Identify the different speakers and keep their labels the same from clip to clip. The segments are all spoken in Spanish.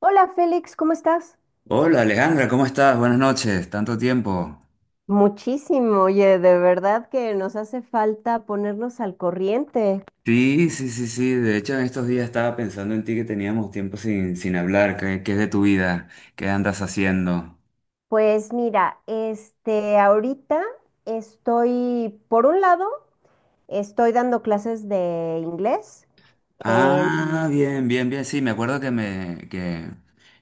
Speaker 1: Hola Félix, ¿cómo estás?
Speaker 2: Hola Alejandra, ¿cómo estás? Buenas noches, tanto tiempo.
Speaker 1: Muchísimo, oye, de verdad que nos hace falta ponernos al corriente.
Speaker 2: Sí, de hecho en estos días estaba pensando en ti que teníamos tiempo sin hablar, ¿qué es de tu vida? ¿Qué andas haciendo?
Speaker 1: Pues mira, ahorita estoy, por un lado, estoy dando clases de inglés
Speaker 2: Ah,
Speaker 1: en...
Speaker 2: bien, bien, bien, sí, me acuerdo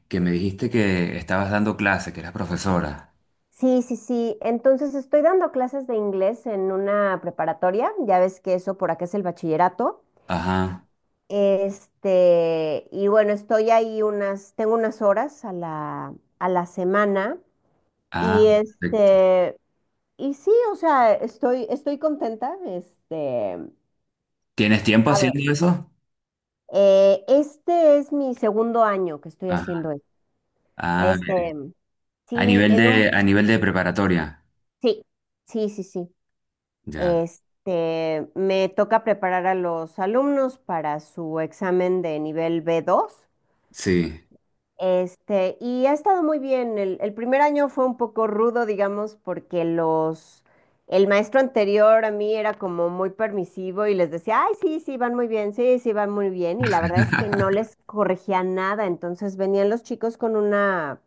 Speaker 2: que me dijiste que estabas dando clase, que eras profesora.
Speaker 1: Sí, sí, sí, entonces estoy dando clases de inglés en una preparatoria, ya ves que eso por acá es el bachillerato.
Speaker 2: Ajá,
Speaker 1: Y bueno, estoy ahí unas, tengo unas horas a la semana.
Speaker 2: ah,
Speaker 1: Y
Speaker 2: perfecto.
Speaker 1: y sí, o sea, estoy contenta.
Speaker 2: ¿Tienes tiempo
Speaker 1: A ver,
Speaker 2: haciendo eso?
Speaker 1: este es mi segundo año que estoy haciendo
Speaker 2: Ajá,
Speaker 1: esto.
Speaker 2: ah, bien.
Speaker 1: Este, sí, en un,
Speaker 2: A nivel de preparatoria,
Speaker 1: sí, sí, sí, sí.
Speaker 2: ya,
Speaker 1: Me toca preparar a los alumnos para su examen de nivel B2.
Speaker 2: sí,
Speaker 1: Y ha estado muy bien. El primer año fue un poco rudo, digamos, porque los, el maestro anterior a mí era como muy permisivo y les decía, ay, sí, sí, van muy bien, sí, sí, van muy bien. Y la verdad es que no les corregía nada. Entonces venían los chicos con una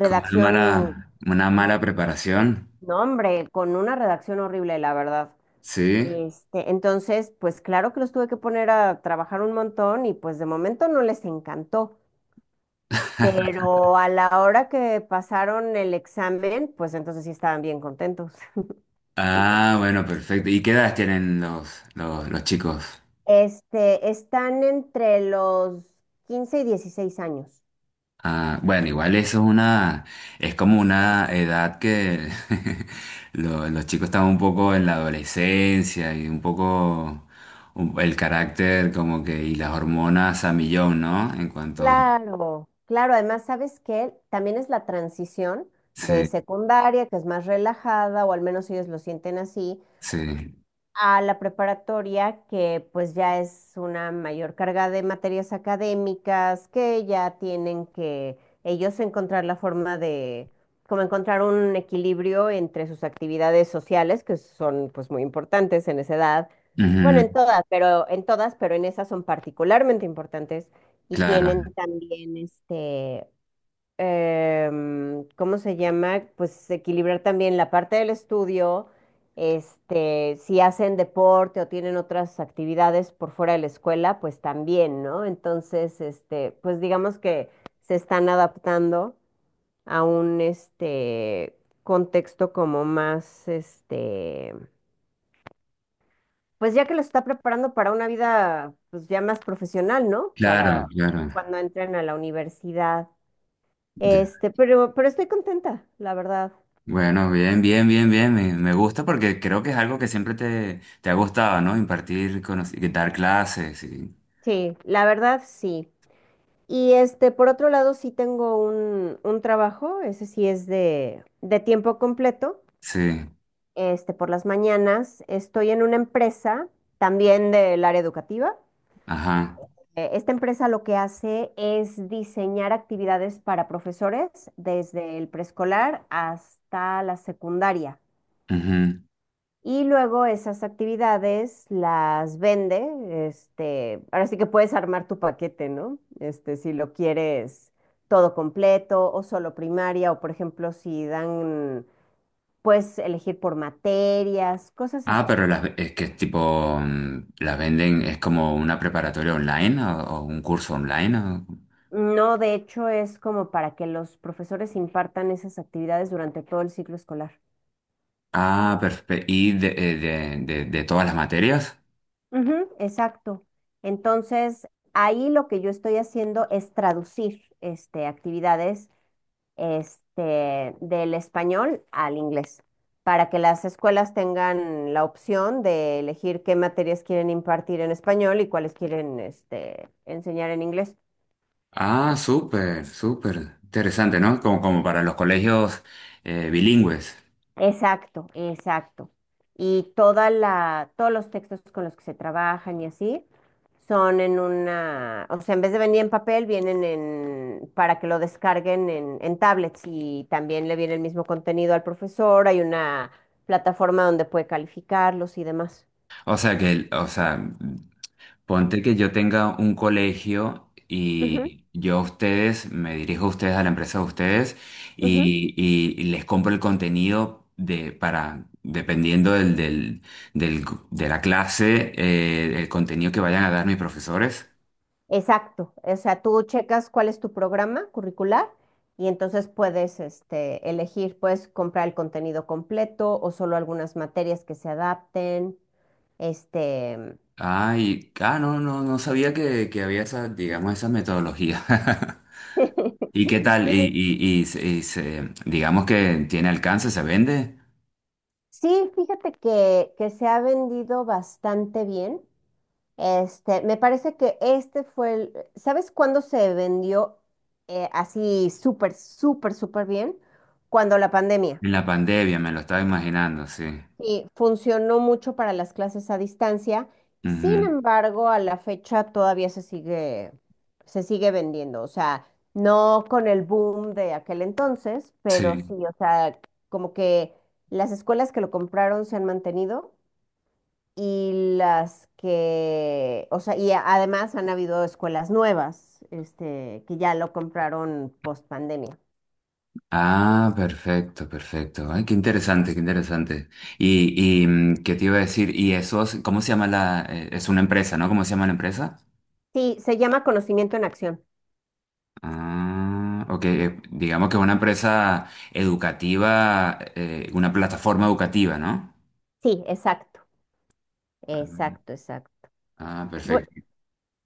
Speaker 2: una mala
Speaker 1: no,
Speaker 2: preparación.
Speaker 1: hombre, con una redacción horrible, la verdad.
Speaker 2: Sí.
Speaker 1: Entonces, pues claro que los tuve que poner a trabajar un montón y pues de momento no les encantó, pero a la hora que pasaron el examen, pues entonces sí estaban bien contentos.
Speaker 2: Ah, bueno, perfecto. ¿Y qué edades tienen los chicos?
Speaker 1: Están entre los 15 y 16 años.
Speaker 2: Ah, bueno, igual eso es es como una edad que los chicos están un poco en la adolescencia y un poco el carácter como que y las hormonas a millón, ¿no? En cuanto,
Speaker 1: Claro, claro, además, ¿sabes qué? También es la transición de
Speaker 2: sí,
Speaker 1: secundaria, que es más relajada, o al menos ellos lo sienten así,
Speaker 2: sí.
Speaker 1: a la preparatoria, que pues ya es una mayor carga de materias académicas, que ya tienen que ellos encontrar la forma de, como encontrar un equilibrio entre sus actividades sociales, que son pues muy importantes en esa edad. Bueno,
Speaker 2: Ujú,
Speaker 1: en todas, pero en todas, pero en esas son particularmente importantes y
Speaker 2: claro,
Speaker 1: tienen también ¿cómo se llama? Pues equilibrar también la parte del estudio, si hacen deporte o tienen otras actividades por fuera de la escuela, pues también, ¿no? Entonces, pues digamos que se están adaptando a un contexto como más pues ya que los está preparando para una vida pues ya más profesional, ¿no?
Speaker 2: claro,
Speaker 1: Para
Speaker 2: claro.
Speaker 1: cuando entren a la universidad. Pero estoy contenta, la verdad.
Speaker 2: Bueno, bien, bien, bien, bien. Me gusta porque creo que es algo que siempre te ha gustado, ¿no? Impartir, conocer, dar clases.
Speaker 1: Sí, la verdad sí. Y por otro lado, sí tengo un trabajo, ese sí es de tiempo completo.
Speaker 2: Sí,
Speaker 1: Por las mañanas estoy en una empresa también del área educativa.
Speaker 2: ajá.
Speaker 1: Esta empresa lo que hace es diseñar actividades para profesores desde el preescolar hasta la secundaria.
Speaker 2: Ujú.
Speaker 1: Y luego esas actividades las vende, ahora sí que puedes armar tu paquete, ¿no? Si lo quieres todo completo o solo primaria, o por ejemplo, si dan, puedes elegir por materias, cosas
Speaker 2: Ah,
Speaker 1: así.
Speaker 2: pero es que es tipo, las venden, es como una preparatoria online o un curso online.
Speaker 1: No, de hecho, es como para que los profesores impartan esas actividades durante todo el ciclo escolar.
Speaker 2: Ah, perfecto. ¿Y de todas las materias?
Speaker 1: Ujú, exacto. Entonces, ahí lo que yo estoy haciendo es traducir actividades, del español al inglés, para que las escuelas tengan la opción de elegir qué materias quieren impartir en español y cuáles quieren, enseñar en inglés.
Speaker 2: Ah, súper, súper. Interesante, ¿no? Como, como para los colegios bilingües.
Speaker 1: Exacto, exacto. Y toda la, todos los textos con los que se trabajan y así son en una, o sea, en vez de venir en papel, vienen en, para que lo descarguen en, tablets, y también le viene el mismo contenido al profesor, hay una plataforma donde puede calificarlos y demás.
Speaker 2: O sea, ponte que yo tenga un colegio
Speaker 1: Ujú,
Speaker 2: y yo a ustedes, me dirijo a ustedes, a la empresa de ustedes,
Speaker 1: ujú.
Speaker 2: y les compro el contenido de, para, dependiendo del- de la clase, el contenido que vayan a dar mis profesores.
Speaker 1: Exacto, o sea, tú checas cuál es tu programa curricular y entonces puedes, elegir, puedes comprar el contenido completo o solo algunas materias que se adapten. Este,
Speaker 2: Ay, ah, no, no sabía que había esa, digamos, esa metodología. ¿Y qué tal?
Speaker 1: sí,
Speaker 2: Digamos que tiene alcance, se vende.
Speaker 1: sí, fíjate que se ha vendido bastante bien. Me parece que este fue el, ¿sabes cuándo se vendió, así súper, súper, súper bien? Cuando la pandemia.
Speaker 2: En la pandemia, me lo estaba imaginando, sí.
Speaker 1: Sí, funcionó mucho para las clases a distancia. Sin
Speaker 2: Ujú.
Speaker 1: embargo, a la fecha todavía se sigue vendiendo. O sea, no con el boom de aquel entonces, pero sí,
Speaker 2: Sí.
Speaker 1: o sea, como que las escuelas que lo compraron se han mantenido, y las que, o sea, y además han habido escuelas nuevas, que ya lo compraron post pandemia.
Speaker 2: Ah, perfecto, perfecto. Ay, qué interesante, qué interesante. ¿Qué te iba a decir? Y eso, ¿cómo se llama la, es una empresa, ¿no? ¿Cómo se llama la empresa?
Speaker 1: Sí, se llama Conocimiento en Acción.
Speaker 2: Ah, ok, digamos que es una empresa educativa, una plataforma educativa, ¿no?
Speaker 1: Sí, exacto, exacto, exacto.
Speaker 2: Ah,
Speaker 1: Bu-
Speaker 2: perfecto.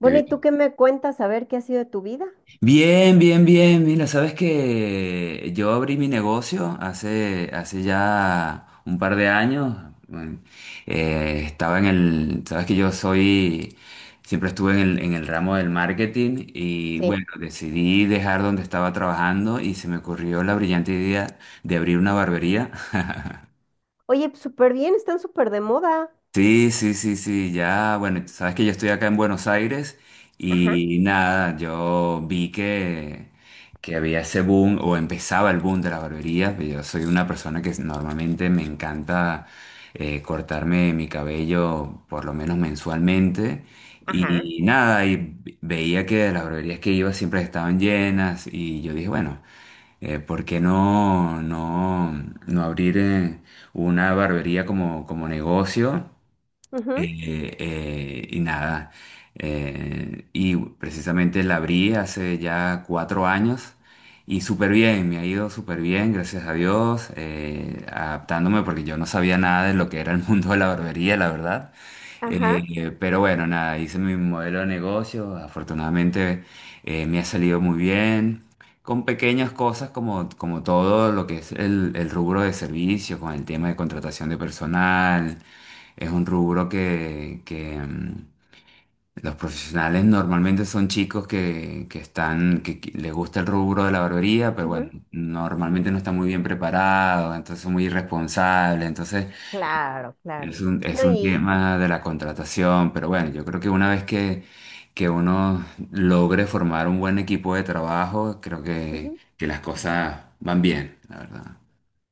Speaker 2: Qué
Speaker 1: ¿y tú
Speaker 2: bien.
Speaker 1: qué me cuentas? A ver qué ha sido de tu vida.
Speaker 2: Bien, bien, bien. Mira, sabes que yo abrí mi negocio hace ya un par de años. Bueno, estaba en el, sabes que yo soy, siempre estuve en el ramo del marketing y
Speaker 1: Sí.
Speaker 2: bueno, decidí dejar donde estaba trabajando y se me ocurrió la brillante idea de abrir una barbería.
Speaker 1: Oye, súper bien, están súper de moda.
Speaker 2: Sí, sí, sí, sí, ya, bueno, tú sabes que yo estoy acá en Buenos Aires
Speaker 1: Ajá,
Speaker 2: y nada, que había ese boom o empezaba el boom de las barberías, pues yo soy una persona que normalmente me encanta cortarme mi cabello por lo menos mensualmente
Speaker 1: ajá.
Speaker 2: y nada, y veía que las barberías que iba siempre estaban llenas y yo dije, bueno, ¿por qué no, no, ¿no abrir una barbería como, como negocio?
Speaker 1: Ujú,
Speaker 2: Y nada, Y precisamente la abrí hace ya 4 años y súper bien, me ha ido súper bien, gracias a Dios, adaptándome porque yo no sabía nada de lo que era el mundo de la barbería, la verdad.
Speaker 1: ajá,
Speaker 2: Pero bueno, nada, hice mi modelo de negocio, afortunadamente me ha salido muy bien. Con pequeñas cosas como, como todo lo que es el rubro de servicios, con el tema de contratación de personal, es un rubro que, los profesionales normalmente son chicos que les gusta el rubro de la barbería, pero bueno,
Speaker 1: ujú,
Speaker 2: normalmente no están muy bien preparados, entonces son muy irresponsables, entonces
Speaker 1: claro, claro.
Speaker 2: es
Speaker 1: No,
Speaker 2: un
Speaker 1: y
Speaker 2: tema de la contratación, pero bueno, yo creo que que uno logre formar un buen equipo de trabajo, creo
Speaker 1: ujú.
Speaker 2: que las cosas van bien, la verdad.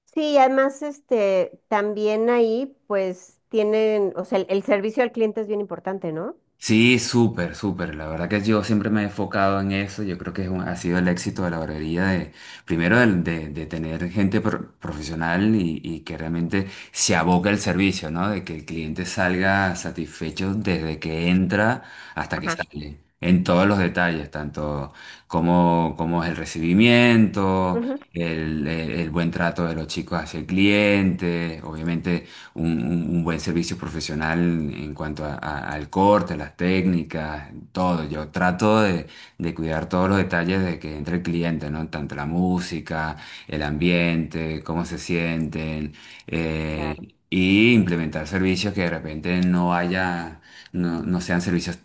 Speaker 1: Sí, además, también ahí, pues, tienen, o sea, el servicio al cliente es bien importante, ¿no?
Speaker 2: Sí, súper, súper. La verdad que yo siempre me he enfocado en eso. Yo creo que es ha sido el éxito de la barbería de, primero de tener gente profesional y que realmente se aboca el servicio, ¿no? De que el cliente salga satisfecho desde que entra hasta que
Speaker 1: Ajá,
Speaker 2: sale, en todos los detalles, tanto como, como es el recibimiento
Speaker 1: ujú,
Speaker 2: el buen trato de los chicos hacia el cliente, obviamente un buen servicio profesional en cuanto al corte, las técnicas, todo. Yo trato de cuidar todos los detalles de que entre el cliente, ¿no? Tanto la música, el ambiente, cómo se sienten, eh,
Speaker 1: claro,
Speaker 2: y implementar servicios que de repente no haya, no sean servicios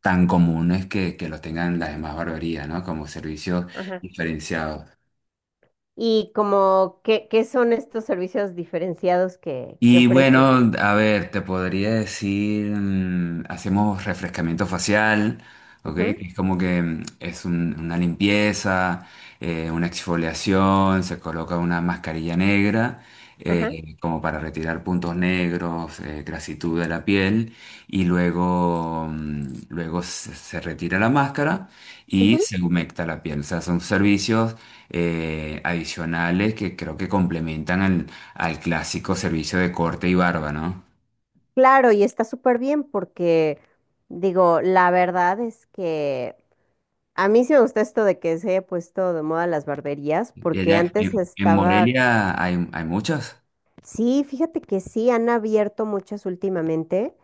Speaker 2: tan comunes que los tengan las demás barberías, ¿no? Como servicios
Speaker 1: ajá.
Speaker 2: diferenciados.
Speaker 1: Y como, ¿qué son estos servicios diferenciados que
Speaker 2: Y
Speaker 1: ofrecen?
Speaker 2: bueno, a ver, te podría decir, mm, hacemos refrescamiento facial, ¿ok? Que
Speaker 1: Ujú,
Speaker 2: es como que mm, es una limpieza, una exfoliación, se coloca una mascarilla negra,
Speaker 1: ajá.
Speaker 2: como para retirar puntos negros, grasitud de la piel, y luego, mm, luego se retira la máscara y se humecta la piel. O sea, son servicios adicionales que creo que complementan al clásico servicio de corte y barba, ¿no?
Speaker 1: Claro, y está súper bien porque, digo, la verdad es que a mí sí me gusta esto de que se haya puesto de moda las barberías,
Speaker 2: Y
Speaker 1: porque
Speaker 2: allá
Speaker 1: antes
Speaker 2: en
Speaker 1: estaba,
Speaker 2: Morelia hay, hay muchos.
Speaker 1: sí, fíjate que sí, han abierto muchas últimamente,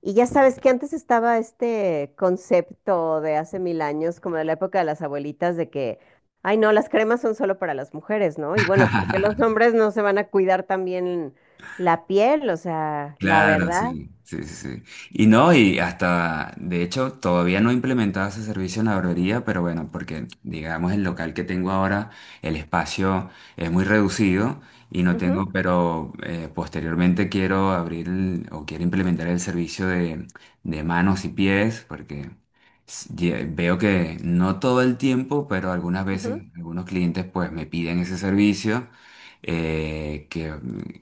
Speaker 1: y ya sabes que antes estaba este concepto de hace mil años, como de la época de las abuelitas, de que, ay, no, las cremas son solo para las mujeres, ¿no? ¿Y bueno, porque los hombres no se van a cuidar también la piel? O sea, la
Speaker 2: Claro,
Speaker 1: verdad.
Speaker 2: sí, sí, sí. Sí. Y no, y hasta, de hecho, todavía no he implementado ese servicio en la barbería, pero bueno, porque digamos el local que tengo ahora, el espacio es muy reducido y no
Speaker 1: Ujú,
Speaker 2: tengo, pero posteriormente quiero abrir o quiero implementar el servicio de manos y pies, porque veo que no todo el tiempo, pero algunas veces
Speaker 1: ujú.
Speaker 2: algunos clientes pues me piden ese servicio que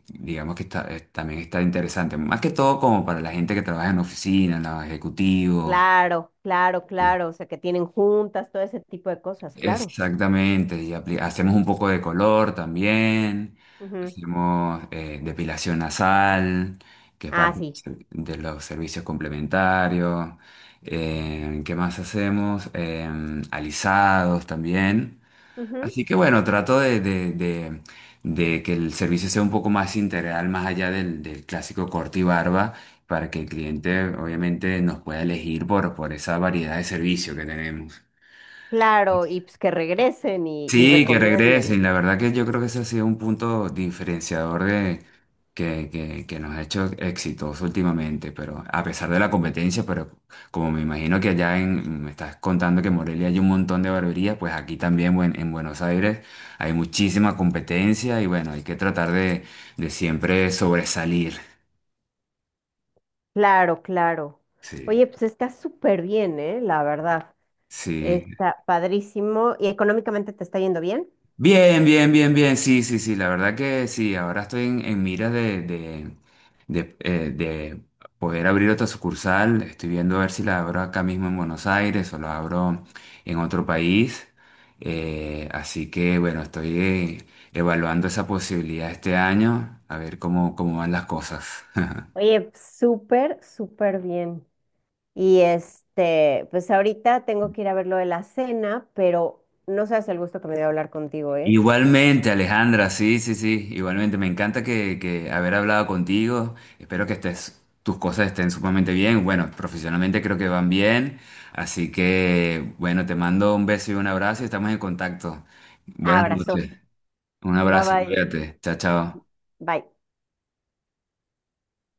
Speaker 2: digamos que está, también está interesante, más que todo como para la gente que trabaja en oficinas, los ejecutivos,
Speaker 1: Claro, claro,
Speaker 2: mm,
Speaker 1: claro. O sea, que tienen juntas, todo ese tipo de cosas, claro.
Speaker 2: exactamente, y hacemos un poco de color también,
Speaker 1: Ujú.
Speaker 2: hacemos depilación nasal, que es
Speaker 1: Ah,
Speaker 2: parte de los
Speaker 1: sí.
Speaker 2: de los servicios complementarios, ¿qué más hacemos? Em, alisados también.
Speaker 1: Ujú.
Speaker 2: Así que bueno, trato de que el servicio sea un poco más integral, más allá del clásico corte y barba, para que el cliente obviamente nos pueda elegir por esa variedad de servicio que tenemos.
Speaker 1: Claro, y pues que regresen y
Speaker 2: Sí, que regresen.
Speaker 1: recomienden.
Speaker 2: La verdad que yo creo que ese ha sido un punto diferenciador de, que nos ha hecho exitosos últimamente, pero a pesar de la competencia, pero como me imagino que allá en, me estás contando que en Morelia hay un montón de barberías, pues aquí también en Buenos Aires hay muchísima competencia y bueno, hay que tratar de siempre sobresalir.
Speaker 1: Claro, claro.
Speaker 2: Sí,
Speaker 1: Oye, pues está súper bien, ¿eh? La verdad.
Speaker 2: sí.
Speaker 1: Está padrísimo. ¿Y económicamente te está yendo bien?
Speaker 2: Bien, bien, bien, bien, sí, sí, sí, la verdad que sí, ahora estoy en miras de poder abrir otra sucursal, estoy viendo a ver si la abro acá mismo en Buenos Aires o la abro en otro país, eh, así que bueno, estoy evaluando esa posibilidad este año, a ver cómo, cómo van las cosas.
Speaker 1: Oye, pues, súper, súper bien. Y pues ahorita tengo que ir a ver lo de la cena, pero no sabes el gusto que me dio hablar contigo, ¿eh?
Speaker 2: Igualmente, Alejandra, sí, sí, sí, igualmente. Me encanta que haber hablado contigo. Espero que estés, tus cosas estén sumamente bien. Bueno, profesionalmente creo que van bien. Así que, bueno, te mando un beso y un abrazo y estamos en contacto. Buenas noches.
Speaker 1: Abrazote.
Speaker 2: Un
Speaker 1: Bye
Speaker 2: abrazo,
Speaker 1: bye.
Speaker 2: cuídate. Chao, chao.
Speaker 1: Bye.